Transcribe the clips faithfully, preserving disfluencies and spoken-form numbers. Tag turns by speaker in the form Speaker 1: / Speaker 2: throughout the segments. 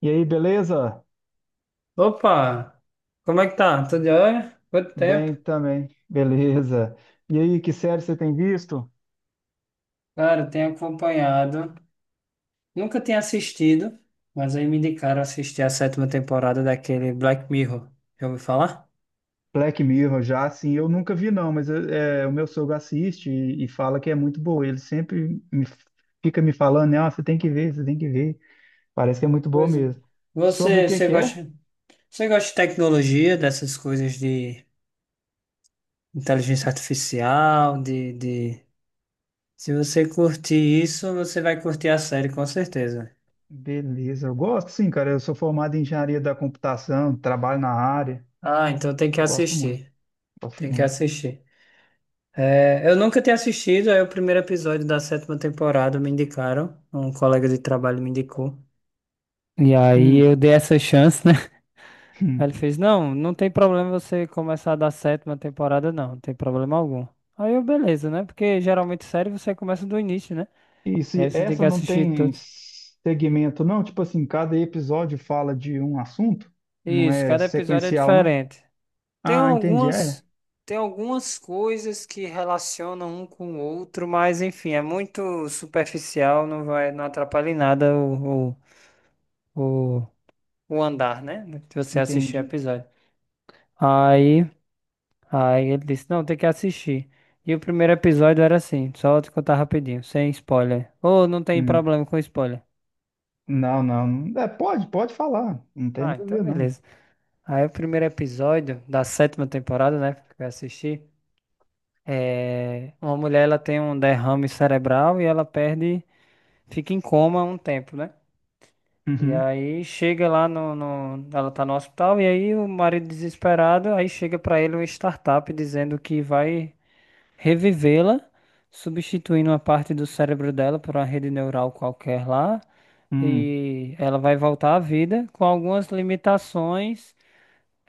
Speaker 1: E aí, beleza?
Speaker 2: Opa! Como é que tá? Tudo jóia? Quanto tempo?
Speaker 1: Bem também, beleza. E aí, que série você tem visto?
Speaker 2: Cara, eu tenho acompanhado. Nunca tinha assistido, mas aí me indicaram assistir a sétima temporada daquele Black Mirror. Já ouviu falar?
Speaker 1: Black Mirror, já assim, eu nunca vi não, mas eh, é, o meu sogro assiste e, e fala que é muito boa. Ele sempre me, fica me falando, né? "Ah, você tem que ver, você tem que ver." Parece que é muito boa
Speaker 2: Pois é.
Speaker 1: mesmo. Sobre o
Speaker 2: Você,
Speaker 1: que
Speaker 2: você
Speaker 1: que é?
Speaker 2: gosta, você gosta de tecnologia, dessas coisas de inteligência artificial, de, de... Se você curtir isso, você vai curtir a série, com certeza.
Speaker 1: Beleza, eu gosto sim, cara. Eu sou formado em engenharia da computação, trabalho na área.
Speaker 2: Ah, então tem que
Speaker 1: Eu gosto muito,
Speaker 2: assistir.
Speaker 1: gosto
Speaker 2: Tem que
Speaker 1: muito.
Speaker 2: assistir. É, eu nunca tinha assistido, aí o primeiro episódio da sétima temporada me indicaram, um colega de trabalho me indicou. E aí
Speaker 1: Hum.
Speaker 2: eu dei essa chance, né? Aí ele fez, não, não tem problema você começar da sétima temporada, não, não tem problema algum. Aí eu, beleza, né? Porque geralmente série você começa do início, né?
Speaker 1: E
Speaker 2: Aí
Speaker 1: se
Speaker 2: você tem
Speaker 1: essa
Speaker 2: que
Speaker 1: não
Speaker 2: assistir
Speaker 1: tem
Speaker 2: todos.
Speaker 1: segmento, não? Tipo assim, cada episódio fala de um assunto? Não
Speaker 2: Isso,
Speaker 1: é
Speaker 2: cada episódio é
Speaker 1: sequencial, não?
Speaker 2: diferente. Tem
Speaker 1: Ah, entendi. É,
Speaker 2: algumas, tem algumas coisas que relacionam um com o outro, mas enfim, é muito superficial, não vai, não atrapalha em nada o o, o andar, né? Se você assistir o
Speaker 1: entendi.
Speaker 2: episódio. Aí, aí ele disse, não, tem que assistir. E o primeiro episódio era assim, só vou te contar rapidinho, sem spoiler. Ou não tem
Speaker 1: Hum.
Speaker 2: problema com spoiler.
Speaker 1: Não, não. não- É, pode, pode falar. Não tem
Speaker 2: Ah,
Speaker 1: nada a
Speaker 2: então
Speaker 1: ver, não.
Speaker 2: beleza. Aí o primeiro episódio da sétima temporada, né, que eu assisti, é... uma mulher, ela tem um derrame cerebral e ela perde, fica em coma um tempo, né? E
Speaker 1: Uhum.
Speaker 2: aí chega lá no, no- ela tá no hospital e aí o marido desesperado, aí chega pra ele uma startup dizendo que vai revivê-la, substituindo uma parte do cérebro dela por uma rede neural qualquer lá,
Speaker 1: Hum.
Speaker 2: e ela vai voltar à vida com algumas limitações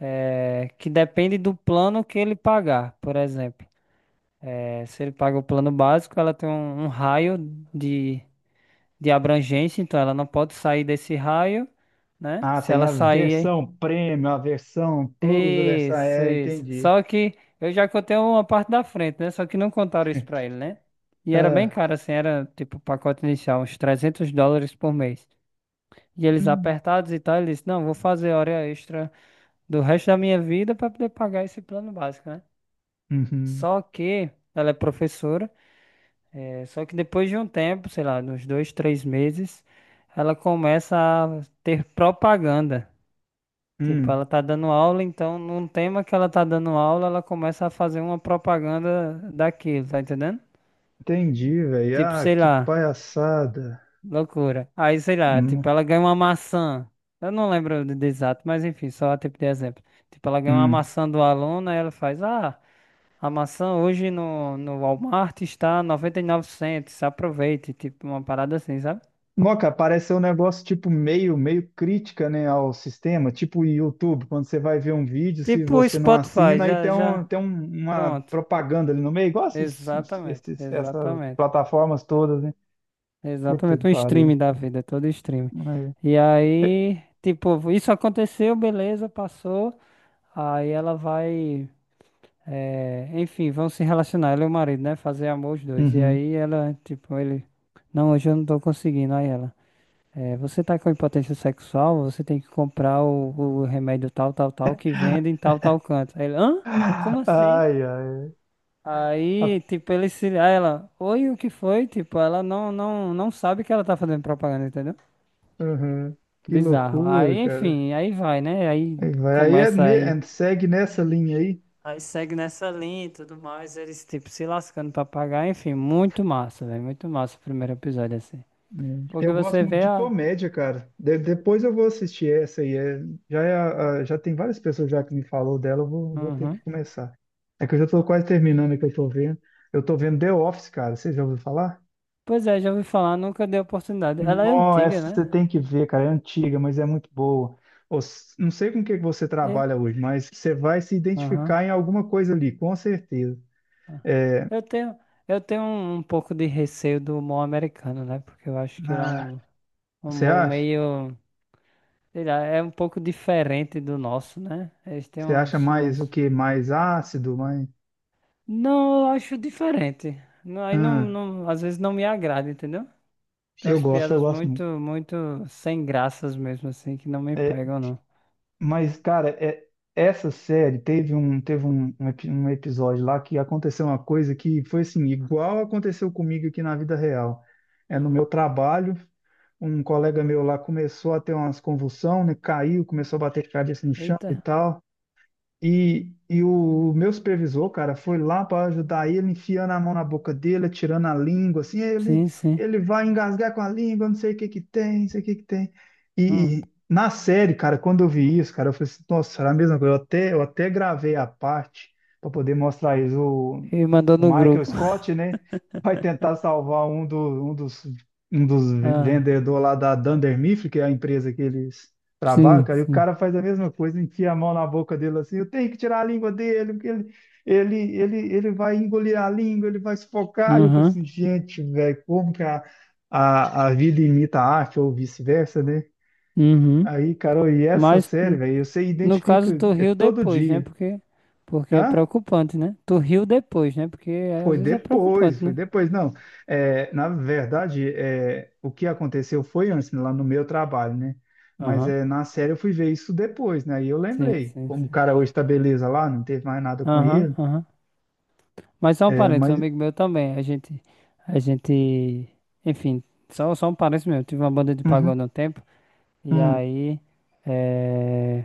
Speaker 2: eh, que dependem do plano que ele pagar, por exemplo. Eh, se ele paga o plano básico, ela tem um, um raio de de abrangência, então ela não pode sair desse raio, né?
Speaker 1: Ah,
Speaker 2: Se
Speaker 1: tem
Speaker 2: ela
Speaker 1: a
Speaker 2: sair...
Speaker 1: versão premium, a versão plus, a versão.
Speaker 2: Isso,
Speaker 1: É,
Speaker 2: isso.
Speaker 1: entendi.
Speaker 2: Só que eu já contei uma parte da frente, né? Só que não contaram isso pra ele, né? E era bem
Speaker 1: Ah,
Speaker 2: caro, assim, era tipo o pacote inicial, uns trezentos dólares por mês. E eles
Speaker 1: hum,
Speaker 2: apertados e tal, ele disse, não, vou fazer hora extra do resto da minha vida pra poder pagar esse plano básico, né?
Speaker 1: uhum,
Speaker 2: Só que ela é professora, é, só que depois de um tempo, sei lá, uns dois, três meses, ela começa a ter propaganda. Tipo,
Speaker 1: hum.
Speaker 2: ela tá dando aula, então num tema que ela tá dando aula, ela começa a fazer uma propaganda daquilo, tá entendendo?
Speaker 1: Entendi, velho.
Speaker 2: Tipo,
Speaker 1: Ah,
Speaker 2: sei
Speaker 1: que
Speaker 2: lá,
Speaker 1: palhaçada.
Speaker 2: loucura. Aí, sei lá,
Speaker 1: Hum,
Speaker 2: tipo, ela ganha uma maçã. Eu não lembro de, de exato, mas enfim, só a tipo de exemplo. Tipo, ela ganha uma
Speaker 1: hum.
Speaker 2: maçã do aluno, aí ela faz, ah, a maçã hoje no, no Walmart está noventa e nove cents, aproveite, tipo, uma parada assim, sabe?
Speaker 1: Moca, parece ser um negócio tipo meio, meio crítica, né, ao sistema, tipo o YouTube, quando você vai ver um vídeo, se
Speaker 2: Tipo o
Speaker 1: você não
Speaker 2: Spotify,
Speaker 1: assina, aí tem,
Speaker 2: já, já,
Speaker 1: um, tem um- uma
Speaker 2: pronto.
Speaker 1: propaganda ali no meio, igual esses,
Speaker 2: Exatamente,
Speaker 1: esses- essas
Speaker 2: exatamente.
Speaker 1: plataformas todas, né? Puta que
Speaker 2: Exatamente, um
Speaker 1: pariu.
Speaker 2: stream da vida, é todo stream.
Speaker 1: É.
Speaker 2: E aí, tipo, isso aconteceu, beleza, passou. Aí ela vai, eh, enfim, vão se relacionar, ela e o marido, né? Fazer amor os dois. E
Speaker 1: Uhum.
Speaker 2: aí ela, tipo, ele, não, hoje eu não tô conseguindo. Aí ela, eh, você tá com impotência sexual, você tem que comprar o, o remédio tal, tal, tal, que vende em tal, tal canto. Aí ele, hã? Como assim?
Speaker 1: Ai, ai. A-
Speaker 2: Aí, tipo, ele se... Aí ela, oi, o que foi? Tipo, ela não, não, não sabe que ela tá fazendo propaganda, entendeu?
Speaker 1: uhum. Que
Speaker 2: Bizarro.
Speaker 1: loucura,
Speaker 2: Aí,
Speaker 1: cara.
Speaker 2: enfim, aí vai, né? Aí
Speaker 1: Aí vai, aí é
Speaker 2: começa
Speaker 1: ne-
Speaker 2: aí.
Speaker 1: é- segue nessa linha aí.
Speaker 2: Aí segue nessa linha e tudo mais, eles tipo se lascando pra pagar, enfim, muito massa, velho, muito massa o primeiro episódio assim.
Speaker 1: É.
Speaker 2: Porque
Speaker 1: Eu gosto
Speaker 2: você
Speaker 1: muito
Speaker 2: vê
Speaker 1: de
Speaker 2: a...
Speaker 1: comédia, cara. De- depois eu vou assistir essa aí. É- já, é a- a- Já tem várias pessoas já que me falou dela, eu vou, vou ter que
Speaker 2: Uhum.
Speaker 1: começar. É que eu já tô quase terminando o que eu tô vendo. Eu tô vendo The Office, cara. Você já ouviu falar?
Speaker 2: Pois é, já ouvi falar, nunca dei oportunidade. Ela é
Speaker 1: Não,
Speaker 2: antiga,
Speaker 1: essa
Speaker 2: né?
Speaker 1: você tem que ver, cara. É antiga, mas é muito boa. Os- Não sei com o que que você
Speaker 2: E...
Speaker 1: trabalha hoje, mas você vai se
Speaker 2: Uhum.
Speaker 1: identificar em alguma coisa ali, com certeza.
Speaker 2: Eu tenho, eu tenho um, um pouco de receio do humor americano, né? Porque eu acho que ele é
Speaker 1: Ah,
Speaker 2: um um
Speaker 1: você
Speaker 2: humor
Speaker 1: acha?
Speaker 2: meio, sei lá, é um pouco diferente do nosso, né? Eles têm
Speaker 1: Você acha
Speaker 2: uns,
Speaker 1: mais o
Speaker 2: uns...
Speaker 1: quê? Mais ácido? Mais...
Speaker 2: Não, eu acho diferente. Não, aí não,
Speaker 1: Hum,
Speaker 2: não, às vezes não me agrada, entendeu? Tem
Speaker 1: eu
Speaker 2: umas
Speaker 1: gosto, eu
Speaker 2: piadas
Speaker 1: gosto
Speaker 2: muito,
Speaker 1: muito.
Speaker 2: muito sem graças mesmo, assim, que não me pegam, não.
Speaker 1: Mas, cara, é- essa série teve um, teve um, um epi- um episódio lá que aconteceu uma coisa que foi assim, igual aconteceu comigo aqui na vida real. É no meu
Speaker 2: Uhum.
Speaker 1: trabalho, um colega meu lá começou a ter umas convulsões, né? Caiu, começou a bater cabeça no chão
Speaker 2: Eita,
Speaker 1: e tal. E, e o meu supervisor, cara, foi lá para ajudar ele, enfiando a mão na boca dele, tirando a língua, assim, ele,
Speaker 2: sim, sim.
Speaker 1: ele vai engasgar com a língua, não sei o que que tem, não sei o que que tem.
Speaker 2: Ah,
Speaker 1: E na série, cara, quando eu vi isso, cara, eu falei assim, nossa, era a mesma coisa. Eu até, eu até gravei a parte para poder mostrar isso. O,
Speaker 2: ele mandou
Speaker 1: o
Speaker 2: no
Speaker 1: Michael
Speaker 2: grupo.
Speaker 1: Scott, né, vai tentar salvar um, do, um dos, um dos
Speaker 2: Ah,
Speaker 1: vendedores lá da Dunder Mifflin, que é a empresa que eles trabalho,
Speaker 2: sim,
Speaker 1: cara, e o
Speaker 2: sim.
Speaker 1: cara faz a mesma coisa, enfia a mão na boca dele assim, eu tenho que tirar a língua dele, porque ele, ele, ele, ele vai engolir a língua, ele vai sufocar. E eu falei
Speaker 2: Uhum,
Speaker 1: assim, gente, velho, como que a, a, a vida imita a arte, ou vice-versa, né?
Speaker 2: uhum.
Speaker 1: Aí, Carol, e essa
Speaker 2: Mas,
Speaker 1: série,
Speaker 2: n-
Speaker 1: velho, você
Speaker 2: no caso,
Speaker 1: identifica
Speaker 2: tu
Speaker 1: é,
Speaker 2: riu
Speaker 1: todo
Speaker 2: depois, né?
Speaker 1: dia.
Speaker 2: Porque, porque é
Speaker 1: Hã?
Speaker 2: preocupante, né? Tu riu depois, né? Porque é,
Speaker 1: Foi
Speaker 2: às vezes é
Speaker 1: depois,
Speaker 2: preocupante,
Speaker 1: foi
Speaker 2: né?
Speaker 1: depois. Não, é, na verdade, é, o que aconteceu foi antes, né, lá no meu trabalho, né? Mas
Speaker 2: Aham,
Speaker 1: é, na série eu fui ver isso depois, né? E eu
Speaker 2: sim,
Speaker 1: lembrei.
Speaker 2: sim,
Speaker 1: Como o
Speaker 2: sim.
Speaker 1: cara hoje tá beleza lá, não teve mais nada com
Speaker 2: Aham,
Speaker 1: ele.
Speaker 2: aham. Mas só um
Speaker 1: É,
Speaker 2: parênteses, um
Speaker 1: mas.
Speaker 2: amigo meu também. A gente, a gente, enfim, só, só um parênteses mesmo. Tive uma banda de
Speaker 1: Uhum,
Speaker 2: pagode há um tempo. E
Speaker 1: hum,
Speaker 2: aí, eh,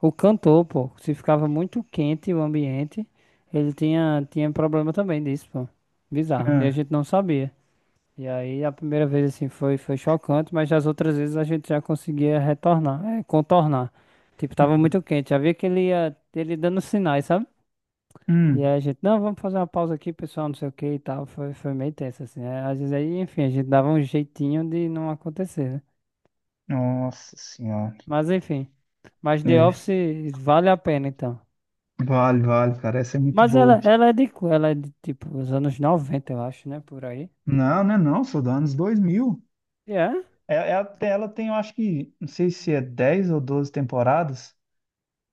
Speaker 2: o cantor, pô, se ficava muito quente o ambiente, ele tinha, tinha problema também disso, pô. Bizarro. E a
Speaker 1: ah,
Speaker 2: gente não sabia. E aí, a primeira vez, assim, foi, foi chocante, mas as outras vezes a gente já conseguia retornar, eh, contornar. Tipo, tava
Speaker 1: uhum,
Speaker 2: muito quente. Já via que ele ia, ele dando sinais, sabe? E
Speaker 1: hum.
Speaker 2: aí a gente, não, vamos fazer uma pausa aqui, pessoal, não sei o que e tal. Foi, foi meio tenso, assim, né? Às vezes aí, enfim, a gente dava um jeitinho de não acontecer, né?
Speaker 1: Nossa Senhora.
Speaker 2: Mas enfim. Mas The
Speaker 1: É,
Speaker 2: Office vale a pena, então.
Speaker 1: vale, vale, cara. Essa é muito
Speaker 2: Mas ela,
Speaker 1: boa.
Speaker 2: ela é de, qu- ela é de, tipo, os anos noventa, eu acho, né? Por aí.
Speaker 1: Não, não é não, sou dos anos dois mil.
Speaker 2: E é?
Speaker 1: É, é, até- ela tem, eu acho que, não sei se é dez ou doze temporadas.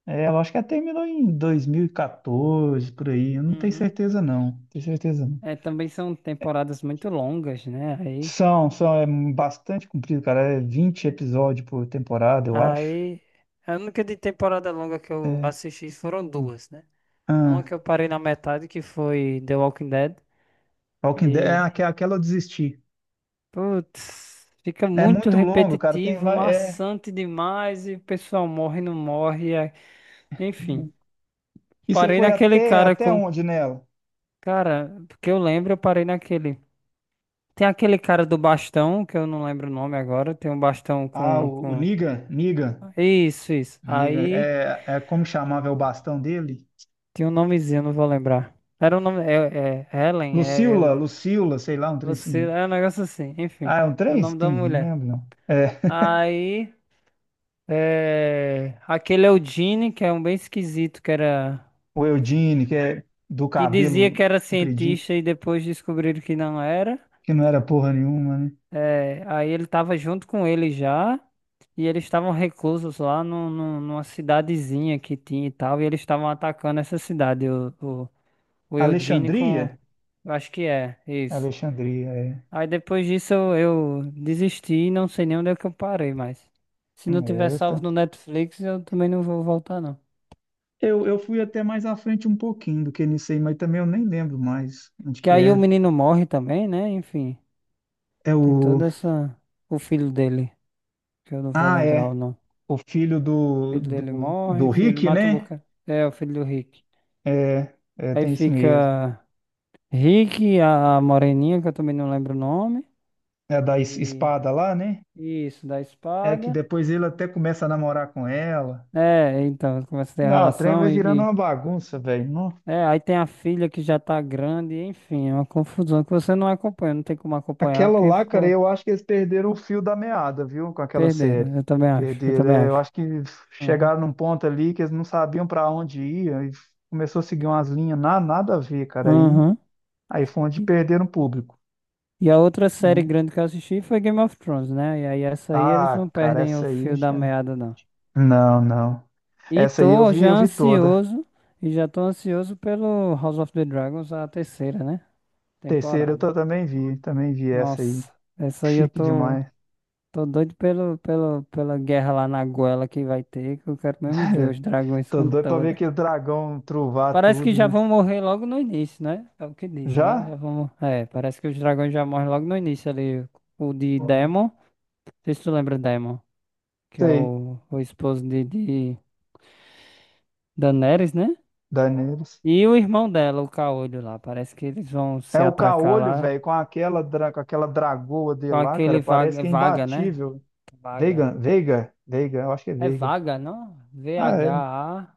Speaker 1: É, eu acho que até terminou em dois mil e quatorze, por aí. Eu não tenho
Speaker 2: Uhum.
Speaker 1: certeza, não. Não tenho certeza, não.
Speaker 2: É, também são temporadas muito longas, né? Aí,
Speaker 1: São, são, é bastante comprido, cara. É vinte episódios por temporada, eu acho.
Speaker 2: aí, a única de temporada longa que eu assisti foram duas, né? Uma
Speaker 1: Ah,
Speaker 2: que eu parei na metade, que foi The Walking Dead.
Speaker 1: Walking Dead, é aque- aquela eu desisti.
Speaker 2: Putz, fica
Speaker 1: É
Speaker 2: muito
Speaker 1: muito longo, cara. Tem,
Speaker 2: repetitivo,
Speaker 1: vai- é...
Speaker 2: maçante demais e o pessoal morre, não morre, é... Enfim,
Speaker 1: E você
Speaker 2: parei
Speaker 1: foi
Speaker 2: naquele
Speaker 1: até,
Speaker 2: cara
Speaker 1: até
Speaker 2: com...
Speaker 1: onde nela?
Speaker 2: Cara, porque eu lembro, eu parei naquele. Tem aquele cara do bastão, que eu não lembro o nome agora. Tem um bastão
Speaker 1: Ah,
Speaker 2: com,
Speaker 1: o, o
Speaker 2: com...
Speaker 1: Negan, Negan,
Speaker 2: Isso, isso.
Speaker 1: Negan.
Speaker 2: Aí
Speaker 1: É, é como chamava é o bastão dele?
Speaker 2: tinha um nomezinho, não vou lembrar. Era um nome. É, é é Helen, é, é...
Speaker 1: Lucila,
Speaker 2: o-
Speaker 1: Lucila, sei lá, um trem
Speaker 2: Você...
Speaker 1: assim.
Speaker 2: é um negócio assim, enfim.
Speaker 1: Ah, é um
Speaker 2: É o
Speaker 1: trem?
Speaker 2: nome
Speaker 1: Sim,
Speaker 2: da
Speaker 1: não
Speaker 2: mulher.
Speaker 1: lembro, não. É.
Speaker 2: Aí... É, aquele é o Gene, que é um bem esquisito, que era
Speaker 1: O Eudine, que é do
Speaker 2: que dizia
Speaker 1: cabelo
Speaker 2: que era
Speaker 1: compridinho,
Speaker 2: cientista e depois descobriram que não era.
Speaker 1: que não era porra nenhuma, né?
Speaker 2: É, aí ele tava junto com ele já, e eles estavam reclusos lá no, no- numa cidadezinha que tinha e tal, e eles estavam atacando essa cidade, o, o, o Eugene com...
Speaker 1: Alexandria?
Speaker 2: Eu acho que é isso.
Speaker 1: Alexandria, é.
Speaker 2: Aí depois disso eu, eu desisti e não sei nem onde é que eu parei mais. Se não tiver
Speaker 1: É, eu,
Speaker 2: salvo
Speaker 1: tá-
Speaker 2: no Netflix, eu também não vou voltar, não.
Speaker 1: eu, eu fui até mais à frente um pouquinho do que nisso aí, mas também eu nem lembro mais onde
Speaker 2: Que
Speaker 1: que
Speaker 2: aí o
Speaker 1: era.
Speaker 2: menino morre também, né? Enfim,
Speaker 1: É
Speaker 2: tem
Speaker 1: o.
Speaker 2: toda essa... O filho dele, que eu não vou
Speaker 1: Ah,
Speaker 2: lembrar o
Speaker 1: é.
Speaker 2: nome.
Speaker 1: O filho
Speaker 2: O
Speaker 1: do,
Speaker 2: filho dele
Speaker 1: do, do
Speaker 2: morre, filho
Speaker 1: Rick,
Speaker 2: mata um
Speaker 1: né?
Speaker 2: bocado. É, o filho do Rick.
Speaker 1: É, é,
Speaker 2: Aí
Speaker 1: tem isso mesmo.
Speaker 2: fica Rick, a a moreninha, que eu também não lembro o nome.
Speaker 1: É da es-
Speaker 2: E
Speaker 1: espada lá, né?
Speaker 2: isso, da
Speaker 1: É que
Speaker 2: espada.
Speaker 1: depois ele até começa a namorar com ela.
Speaker 2: É, então, começa a ter
Speaker 1: Não, o trem
Speaker 2: relação
Speaker 1: vai virando
Speaker 2: e...
Speaker 1: uma
Speaker 2: e-
Speaker 1: bagunça, velho.
Speaker 2: é, aí tem a filha que já tá grande, enfim, é uma confusão que você não acompanha, não tem como acompanhar
Speaker 1: Aquela
Speaker 2: porque
Speaker 1: lá, cara,
Speaker 2: ficou...
Speaker 1: eu acho que eles perderam o fio da meada, viu? Com aquela série.
Speaker 2: Perderam, eu também acho, eu
Speaker 1: Perderam.
Speaker 2: também
Speaker 1: É, eu
Speaker 2: acho.
Speaker 1: acho que
Speaker 2: Aham.
Speaker 1: chegaram num ponto ali que eles não sabiam pra onde ir, e começou a seguir umas linhas na, nada a ver, cara. Aí,
Speaker 2: Aham.
Speaker 1: aí foi onde perderam o público,
Speaker 2: E a outra série
Speaker 1: né?
Speaker 2: grande que eu assisti foi Game of Thrones, né? E aí essa aí eles
Speaker 1: Ah,
Speaker 2: não
Speaker 1: cara,
Speaker 2: perdem o
Speaker 1: essa
Speaker 2: fio
Speaker 1: aí.
Speaker 2: da
Speaker 1: Cara,
Speaker 2: meada, não.
Speaker 1: não, não.
Speaker 2: E
Speaker 1: Essa aí eu
Speaker 2: tô
Speaker 1: vi,
Speaker 2: já
Speaker 1: eu vi toda.
Speaker 2: ansioso, e já tô ansioso pelo House of the Dragons, a terceira, né?
Speaker 1: Terceira eu
Speaker 2: Temporada.
Speaker 1: tô- também vi, também vi essa aí.
Speaker 2: Nossa, essa aí eu
Speaker 1: Chique
Speaker 2: tô,
Speaker 1: demais.
Speaker 2: tô doido pelo, pelo, pela guerra lá na goela que vai ter, que eu quero mesmo ver os dragões
Speaker 1: Tô
Speaker 2: com
Speaker 1: doido pra ver
Speaker 2: toda...
Speaker 1: aquele dragão truvar
Speaker 2: Parece que
Speaker 1: tudo,
Speaker 2: já
Speaker 1: né?
Speaker 2: vão morrer logo no início, né? É o que dizem, né? Já
Speaker 1: Já?
Speaker 2: vão... É, parece que os dragões já morrem logo no início ali. O de Demon, não sei se tu lembra Demon, que é
Speaker 1: Sei,
Speaker 2: o, o esposo de, de Daenerys, né?
Speaker 1: Daenerys.
Speaker 2: E o irmão dela, o Caolho lá. Parece que eles vão
Speaker 1: É
Speaker 2: se
Speaker 1: o
Speaker 2: atracar
Speaker 1: caolho,
Speaker 2: lá
Speaker 1: velho, com aquela, dra- com aquela dragoa dele
Speaker 2: com
Speaker 1: lá, cara,
Speaker 2: aquele
Speaker 1: parece
Speaker 2: vaga, é
Speaker 1: que é
Speaker 2: vaga, né?
Speaker 1: imbatível.
Speaker 2: Vaga.
Speaker 1: Veiga, Veiga, Veiga, eu acho que é
Speaker 2: É
Speaker 1: Veiga.
Speaker 2: vaga, não?
Speaker 1: Ah, é,
Speaker 2: V H A G A R,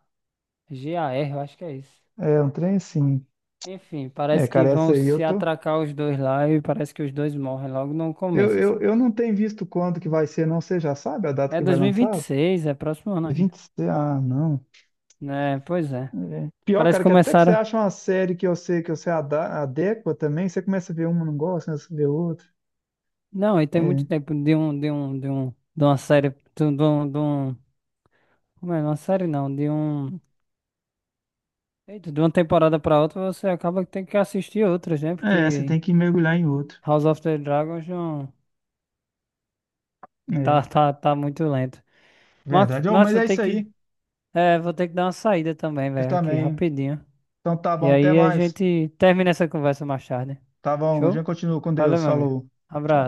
Speaker 2: eu acho que é isso.
Speaker 1: é um trem assim.
Speaker 2: Enfim,
Speaker 1: É,
Speaker 2: parece que
Speaker 1: cara, essa
Speaker 2: vão
Speaker 1: aí eu
Speaker 2: se
Speaker 1: tô.
Speaker 2: atracar os dois lá e parece que os dois morrem logo no
Speaker 1: Eu,
Speaker 2: começo,
Speaker 1: eu,
Speaker 2: assim.
Speaker 1: eu não tenho visto quando que vai ser, não. Você já sabe a data
Speaker 2: É
Speaker 1: que vai
Speaker 2: dois mil e e vinte e
Speaker 1: lançar?
Speaker 2: seis, é próximo ano ainda,
Speaker 1: vinte... Ah, não.
Speaker 2: né? Pois é.
Speaker 1: É. Pior,
Speaker 2: Parece que
Speaker 1: cara, que até que você
Speaker 2: começaram.
Speaker 1: acha uma série que eu sei que você ada- adequa também, você começa a ver uma, não gosta, começa a ver outra.
Speaker 2: Não, e tem
Speaker 1: É.
Speaker 2: muito tempo de um, de um, de um, de uma série, de um, de um, de um- Como é? Uma série não, de um. Eita, de uma temporada pra outra você acaba que tem que assistir outras, né?
Speaker 1: É, você
Speaker 2: Porque
Speaker 1: tem que mergulhar em outro.
Speaker 2: House of the Dragons não. Tá,
Speaker 1: É,
Speaker 2: tá, tá muito lento. Mas,
Speaker 1: verdade. Ô,
Speaker 2: mas
Speaker 1: mas
Speaker 2: vou
Speaker 1: é
Speaker 2: ter
Speaker 1: isso
Speaker 2: que...
Speaker 1: aí.
Speaker 2: É, vou ter que dar uma saída também,
Speaker 1: Eu
Speaker 2: velho, aqui
Speaker 1: também.
Speaker 2: rapidinho.
Speaker 1: Então tá
Speaker 2: E
Speaker 1: bom, até
Speaker 2: aí a
Speaker 1: mais.
Speaker 2: gente termina essa conversa mais tarde.
Speaker 1: Tá bom, a
Speaker 2: Show?
Speaker 1: gente continua com
Speaker 2: Valeu,
Speaker 1: Deus.
Speaker 2: meu amigo.
Speaker 1: Falou.
Speaker 2: Abraço.
Speaker 1: Tchau.